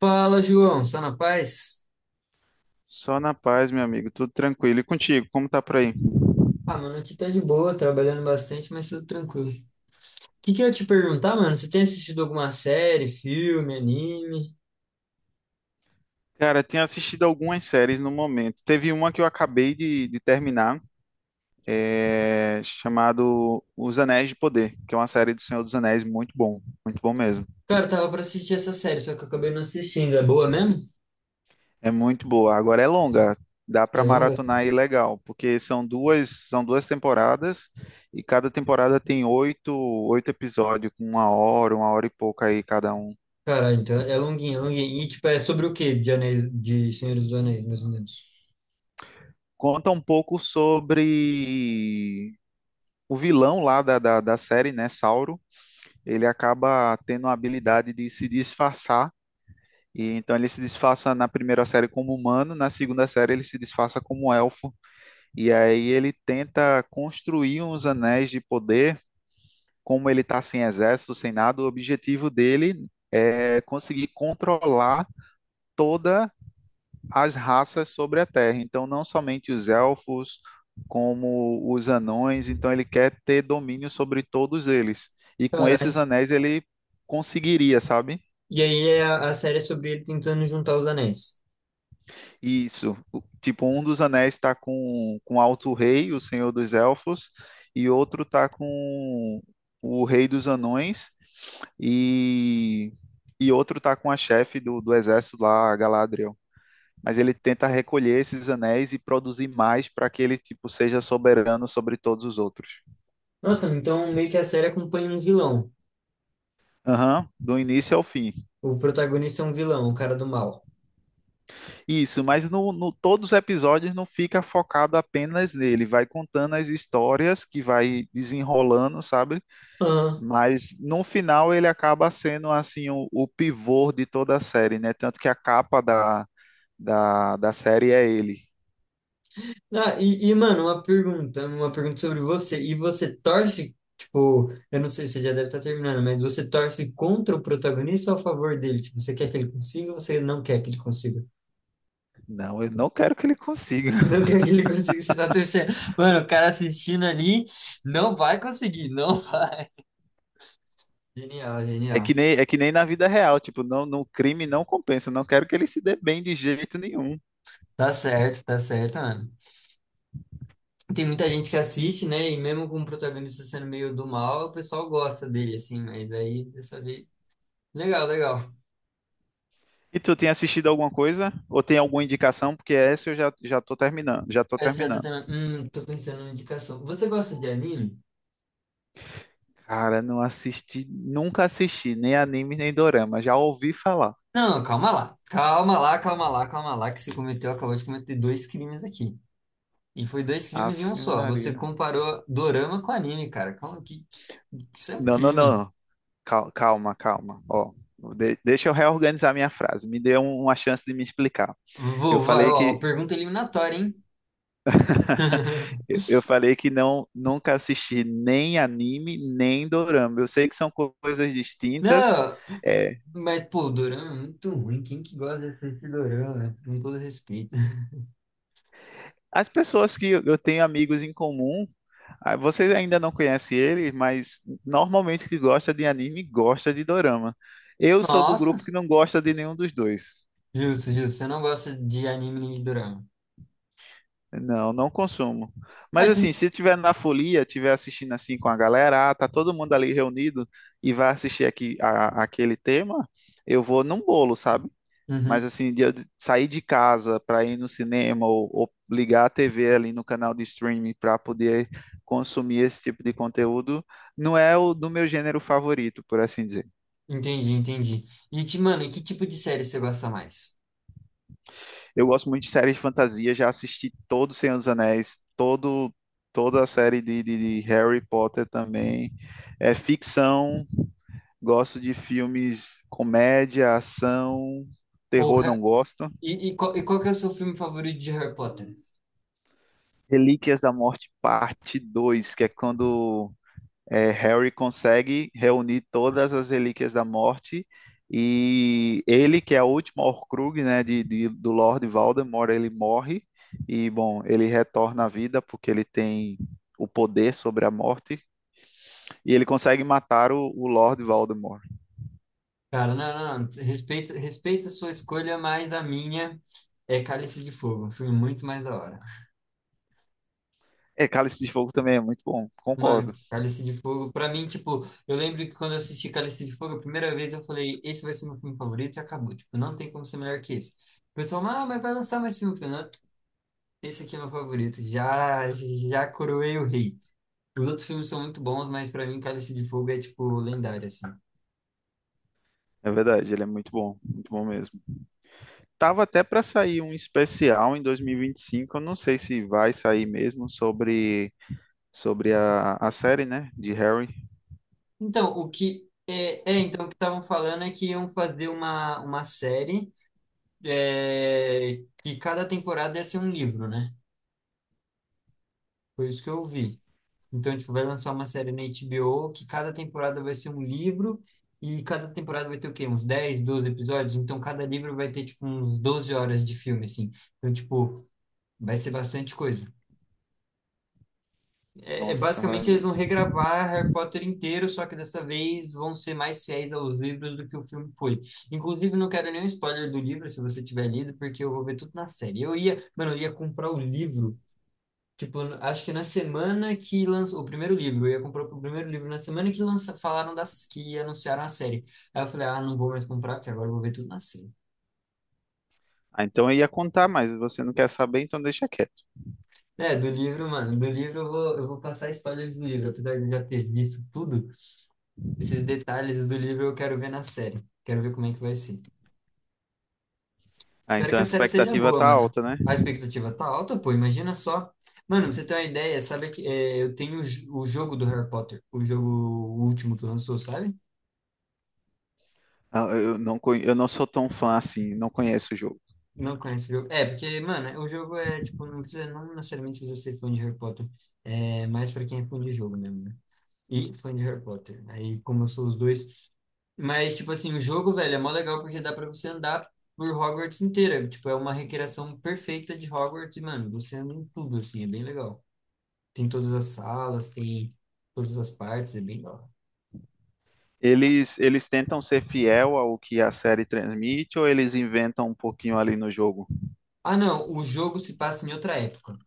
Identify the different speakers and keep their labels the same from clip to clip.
Speaker 1: Fala, João, só na paz?
Speaker 2: Só na paz, meu amigo, tudo tranquilo. E contigo, como tá por aí?
Speaker 1: Ah, mano, aqui tá de boa, trabalhando bastante, mas tudo tranquilo. O que que eu ia te perguntar, mano? Você tem assistido alguma série, filme, anime?
Speaker 2: Cara, tenho assistido algumas séries no momento. Teve uma que eu acabei de terminar, chamado Os Anéis de Poder, que é uma série do Senhor dos Anéis muito bom mesmo.
Speaker 1: Cara, eu tava pra assistir essa série, só que eu acabei não assistindo. É boa mesmo?
Speaker 2: É muito boa. Agora é longa, dá
Speaker 1: É
Speaker 2: pra
Speaker 1: longa?
Speaker 2: maratonar aí legal, porque são duas temporadas e cada temporada tem oito, oito episódios com uma hora e pouca aí cada um.
Speaker 1: Cara, então é longuinha, é longuinha. E tipo, é sobre o quê? De Anéis, de Senhor dos Anéis, mais ou menos.
Speaker 2: Conta um pouco sobre o vilão lá da série, né, Sauro, ele acaba tendo a habilidade de se disfarçar. E então ele se disfarça na primeira série como humano, na segunda série ele se disfarça como elfo. E aí ele tenta construir uns anéis de poder, como ele está sem exército, sem nada, o objetivo dele é conseguir controlar toda as raças sobre a Terra. Então, não somente os elfos, como os anões. Então, ele quer ter domínio sobre todos eles. E com esses
Speaker 1: Caralho.
Speaker 2: anéis, ele conseguiria, sabe?
Speaker 1: E aí é a série é sobre ele tentando juntar os anéis.
Speaker 2: Isso. Tipo, um dos anéis está com Alto Rei, o Senhor dos Elfos, e outro está com o Rei dos Anões, e, e outro está com a chefe do exército lá, a Galadriel. Mas ele tenta recolher esses anéis e produzir mais para que ele tipo seja soberano sobre todos os outros.
Speaker 1: Nossa, então meio que a série acompanha um vilão.
Speaker 2: Aham, do início ao fim.
Speaker 1: O protagonista é um vilão, o cara do mal.
Speaker 2: Isso, mas no todos os episódios não fica focado apenas nele, vai contando as histórias que vai desenrolando, sabe?
Speaker 1: Aham.
Speaker 2: Mas no final ele acaba sendo assim o pivô de toda a série, né? Tanto que a capa da série é ele.
Speaker 1: Ah, mano, uma pergunta sobre você. E você torce, tipo, eu não sei, você já deve estar terminando, mas você torce contra o protagonista ou a favor dele? Tipo, você quer que ele consiga ou você não quer que ele consiga?
Speaker 2: Não, eu não quero que ele consiga.
Speaker 1: Não quer que ele consiga, você tá torcendo. Mano, o cara assistindo ali não vai conseguir, não. Genial, genial.
Speaker 2: É que nem na vida real, tipo, não, no crime não compensa. Não quero que ele se dê bem de jeito nenhum.
Speaker 1: Tá certo, mano. Tem muita gente que assiste, né? E mesmo com o protagonista sendo meio do mal, o pessoal gosta dele, assim, mas aí, dessa vez. Legal, legal.
Speaker 2: E tu tem assistido alguma coisa? Ou tem alguma indicação? Porque essa eu já, já tô terminando, já tô
Speaker 1: Essa já tá
Speaker 2: terminando.
Speaker 1: tendo- tô pensando numa indicação. Você gosta de anime?
Speaker 2: Cara, não assisti, nunca assisti, nem anime, nem dorama. Já ouvi falar.
Speaker 1: Não, calma lá. Calma lá, calma lá, calma lá, que você cometeu, acabou de cometer dois crimes aqui. E foi dois crimes em um
Speaker 2: Ave
Speaker 1: só. Você
Speaker 2: Maria.
Speaker 1: comparou dorama com anime, cara. Calma, que- isso é um
Speaker 2: Não, não, não,
Speaker 1: crime.
Speaker 2: não. Calma, calma. Ó, deixa eu reorganizar minha frase. Me dê uma chance de me explicar. Eu
Speaker 1: Vou, vai,
Speaker 2: falei
Speaker 1: ó,
Speaker 2: que
Speaker 1: pergunta eliminatória, hein?
Speaker 2: Eu eu falei que não, nunca assisti nem anime, nem dorama. Eu sei que são coisas distintas.
Speaker 1: Não,
Speaker 2: É,
Speaker 1: mas, pô, o dorama é muito ruim. Quem que gosta de assistir dorama? Né? Com todo respeito.
Speaker 2: as pessoas que eu tenho amigos em comum, ah, vocês ainda não conhecem ele, mas normalmente que gosta de anime, gosta de dorama. Eu sou do grupo que
Speaker 1: Nossa,
Speaker 2: não gosta de nenhum dos dois.
Speaker 1: justo, justo. Você não gosta de anime nem de dorama.
Speaker 2: Não, não consumo. Mas
Speaker 1: Ah, que-
Speaker 2: assim, se tiver na folia, tiver assistindo assim com a galera, ah, tá todo mundo ali reunido e vai assistir aqui aquele tema, eu vou num bolo, sabe? Mas
Speaker 1: Uhum.
Speaker 2: assim, de eu sair de casa para ir no cinema ou ligar a TV ali no canal de streaming para poder consumir esse tipo de conteúdo, não é o do meu gênero favorito, por assim dizer.
Speaker 1: Entendi, entendi. Mano, e que tipo de série você gosta mais?
Speaker 2: Eu gosto muito de séries de fantasia, já assisti todo o Senhor dos Anéis, todo, toda a série de Harry Potter também. É ficção, gosto de filmes comédia, ação, terror não
Speaker 1: Porra,
Speaker 2: gosto.
Speaker 1: e qual que é o seu filme favorito de Harry Potter?
Speaker 2: Relíquias da Morte, parte Dois, que é quando Harry consegue reunir todas as relíquias da morte e ele, que é a última Horcrux, né, do Lord Voldemort, ele morre e, bom, ele retorna à vida porque ele tem o poder sobre a morte e ele consegue matar o Lord Voldemort.
Speaker 1: Cara, não, não, não. Respeita, respeita a sua escolha, mas a minha é Cálice de Fogo, um filme muito mais da hora.
Speaker 2: É, Cálice de Fogo também é muito bom, concordo.
Speaker 1: Mano, Cálice de Fogo, pra mim, tipo, eu lembro que quando eu assisti Cálice de Fogo a primeira vez, eu falei, esse vai ser meu filme favorito e acabou. Tipo, não tem como ser melhor que esse. O pessoal, ah, mas vai lançar mais filme. Eu falei, não, esse aqui é meu favorito, já, já coroei o rei. Os outros filmes são muito bons, mas pra mim Cálice de Fogo é tipo lendário assim.
Speaker 2: É verdade, ele é muito bom mesmo. Tava até para sair um especial em 2025, eu não sei se vai sair mesmo sobre sobre a série, né, de Harry.
Speaker 1: Então, o que é, é, então o que estavam falando é que iam fazer uma série é, que cada temporada ia ser um livro, né? Foi isso que eu vi. Então, tipo, vai lançar uma série na HBO que cada temporada vai ser um livro e cada temporada vai ter o quê? Uns 10 12 episódios, então cada livro vai ter tipo uns 12 horas de filme assim. Então, tipo, vai ser bastante coisa.
Speaker 2: Nossa,
Speaker 1: Basicamente,
Speaker 2: é.
Speaker 1: eles vão regravar Harry Potter inteiro, só que dessa vez vão ser mais fiéis aos livros do que o filme foi. Inclusive, não quero nenhum spoiler do livro, se você tiver lido, porque eu vou ver tudo na série. Eu ia, mano, eu ia comprar o livro, tipo, acho que na semana que lançou o primeiro livro, eu ia comprar o primeiro livro na semana que lança, falaram das que anunciaram a série. Aí eu falei, ah, não vou mais comprar, porque agora eu vou ver tudo na série.
Speaker 2: Ah, então eu ia contar, mas você não quer saber, então deixa quieto.
Speaker 1: É, do livro, mano, do livro eu vou passar spoilers do livro, apesar de eu já ter visto tudo. Esses detalhes do livro eu quero ver na série. Quero ver como é que vai ser.
Speaker 2: Ah,
Speaker 1: Espero
Speaker 2: então
Speaker 1: que
Speaker 2: a
Speaker 1: a série seja
Speaker 2: expectativa
Speaker 1: boa,
Speaker 2: tá
Speaker 1: mano.
Speaker 2: alta, né?
Speaker 1: A expectativa tá alta, pô. Imagina só. Mano, pra você ter uma ideia, sabe que é, eu tenho o jogo do Harry Potter, o jogo último que lançou, sabe?
Speaker 2: Ah, eu não, eu não sou tão fã assim, não conheço o jogo.
Speaker 1: Não conheço o jogo. É, porque, mano, o jogo é, tipo, não precisa, não necessariamente precisa ser fã de Harry Potter. É mais pra quem é fã de jogo mesmo, né? E fã de Harry Potter. Aí, como eu sou os dois. Mas, tipo assim, o jogo, velho, é mó legal porque dá pra você andar por Hogwarts inteira. Tipo, é uma recriação perfeita de Hogwarts, e, mano. Você anda em tudo, assim, é bem legal. Tem todas as salas, tem todas as partes, é bem legal.
Speaker 2: Eles tentam ser fiel ao que a série transmite ou eles inventam um pouquinho ali no jogo?
Speaker 1: Ah, não, o jogo se passa em outra época.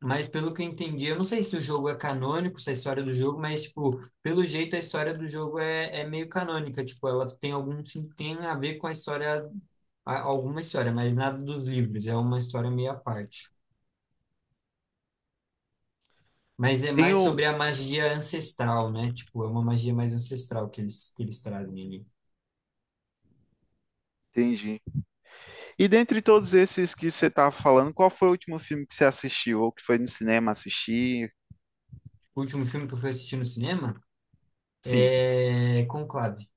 Speaker 1: Mas pelo que eu entendi, eu não sei se o jogo é canônico, se a história do jogo, mas, tipo, pelo jeito a história do jogo é meio canônica. Tipo, ela tem algum, sim- tem a ver com a história, a- alguma história, mas nada dos livros. É uma história meio à parte. Mas é
Speaker 2: Tem
Speaker 1: mais
Speaker 2: o,
Speaker 1: sobre a magia ancestral, né? Tipo, é uma magia mais ancestral que eles trazem ali.
Speaker 2: entendi. E dentre todos esses que você tava falando, qual foi o último filme que você assistiu? Ou que foi no cinema assistir?
Speaker 1: O último filme que eu fui assistir no cinema
Speaker 2: Sim.
Speaker 1: é Conclave.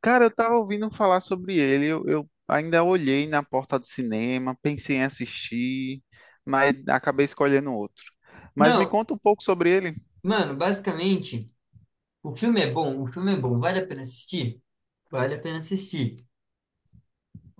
Speaker 2: Cara, eu tava ouvindo falar sobre ele. Eu ainda olhei na porta do cinema, pensei em assistir, mas acabei escolhendo outro. Mas me
Speaker 1: Não,
Speaker 2: conta um pouco sobre ele.
Speaker 1: mano, basicamente, o filme é bom, o filme é bom, vale a pena assistir? Vale a pena assistir.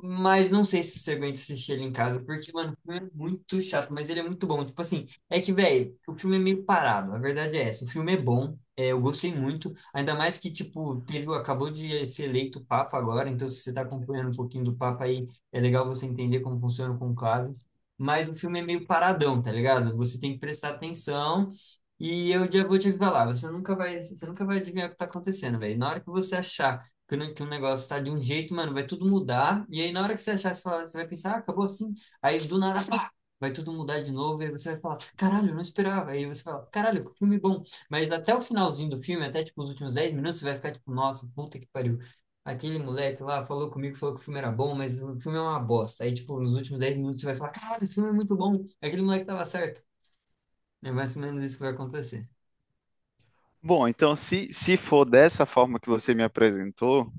Speaker 1: Mas não sei se você aguenta assistir ele em casa, porque, mano, o filme é muito chato, mas ele é muito bom. Tipo assim, é que, velho, o filme é meio parado, a verdade é essa. O filme é bom, é, eu gostei muito, ainda mais que, tipo, teve, acabou de ser eleito Papa agora, então se você tá acompanhando um pouquinho do Papa aí, é legal você entender como funciona o conclave. Mas o filme é meio paradão, tá ligado? Você tem que prestar atenção. E eu já vou te falar, você nunca vai adivinhar o que tá acontecendo, velho. Na hora que você achar que, não- que um negócio tá de um jeito, mano, vai tudo mudar. E aí, na hora que você achar, você, fala- você vai pensar, ah, acabou assim. Aí, do nada, pá, vai tudo mudar de novo. E aí você vai falar, caralho, eu não esperava. Aí você fala, caralho, que filme bom. Mas até o finalzinho do filme, até, tipo, os últimos 10 minutos, você vai ficar, tipo, nossa, puta que pariu. Aquele moleque lá falou comigo, falou que o filme era bom, mas o filme é uma bosta. Aí, tipo, nos últimos 10 minutos você vai falar, caralho, esse filme é muito bom. Aquele moleque tava certo. É mais ou menos isso que vai acontecer.
Speaker 2: Bom, então se for dessa forma que você me apresentou,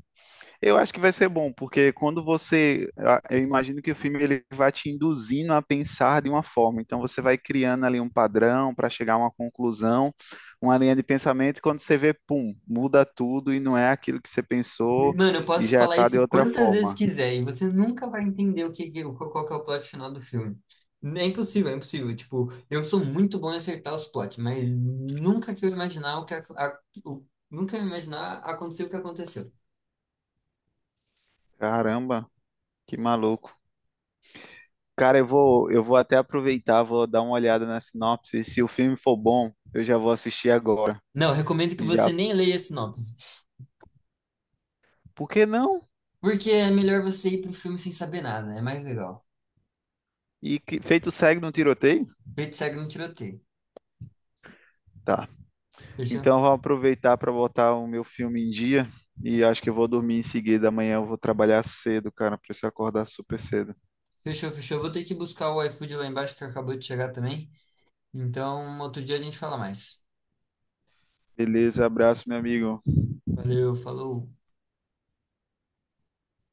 Speaker 2: eu acho que vai ser bom, porque quando você, eu imagino que o filme ele vai te induzindo a pensar de uma forma, então você vai criando ali um padrão para chegar a uma conclusão, uma linha de pensamento, e quando você vê, pum, muda tudo e não é aquilo que você pensou
Speaker 1: Mano, eu
Speaker 2: e
Speaker 1: posso
Speaker 2: já
Speaker 1: falar
Speaker 2: está de
Speaker 1: isso
Speaker 2: outra
Speaker 1: quantas vezes
Speaker 2: forma.
Speaker 1: quiser e você nunca vai entender o que, que- qual que é o plot final do filme. É impossível, é impossível. Tipo, eu sou muito bom em acertar os plots, mas nunca que eu imaginar o que a- o- nunca eu imaginar aconteceu o que aconteceu.
Speaker 2: Caramba, que maluco. Cara, eu vou até aproveitar, vou dar uma olhada na sinopse, se o filme for bom, eu já vou assistir agora.
Speaker 1: Não, eu recomendo que
Speaker 2: E já,
Speaker 1: você nem leia a sinopse,
Speaker 2: por que não?
Speaker 1: porque é melhor você ir pro filme sem saber nada, é mais legal.
Speaker 2: E que, feito segue no tiroteio?
Speaker 1: Feito segue no tiroteio.
Speaker 2: Tá.
Speaker 1: Fechou?
Speaker 2: Então, vou aproveitar para botar o meu filme em dia e acho que eu vou dormir em seguida. Amanhã eu vou trabalhar cedo, cara. Preciso acordar super cedo.
Speaker 1: Fechou, fechou. Vou ter que buscar o iFood lá embaixo que acabou de chegar também. Então, outro dia a gente fala mais.
Speaker 2: Beleza, abraço, meu amigo.
Speaker 1: Valeu, falou.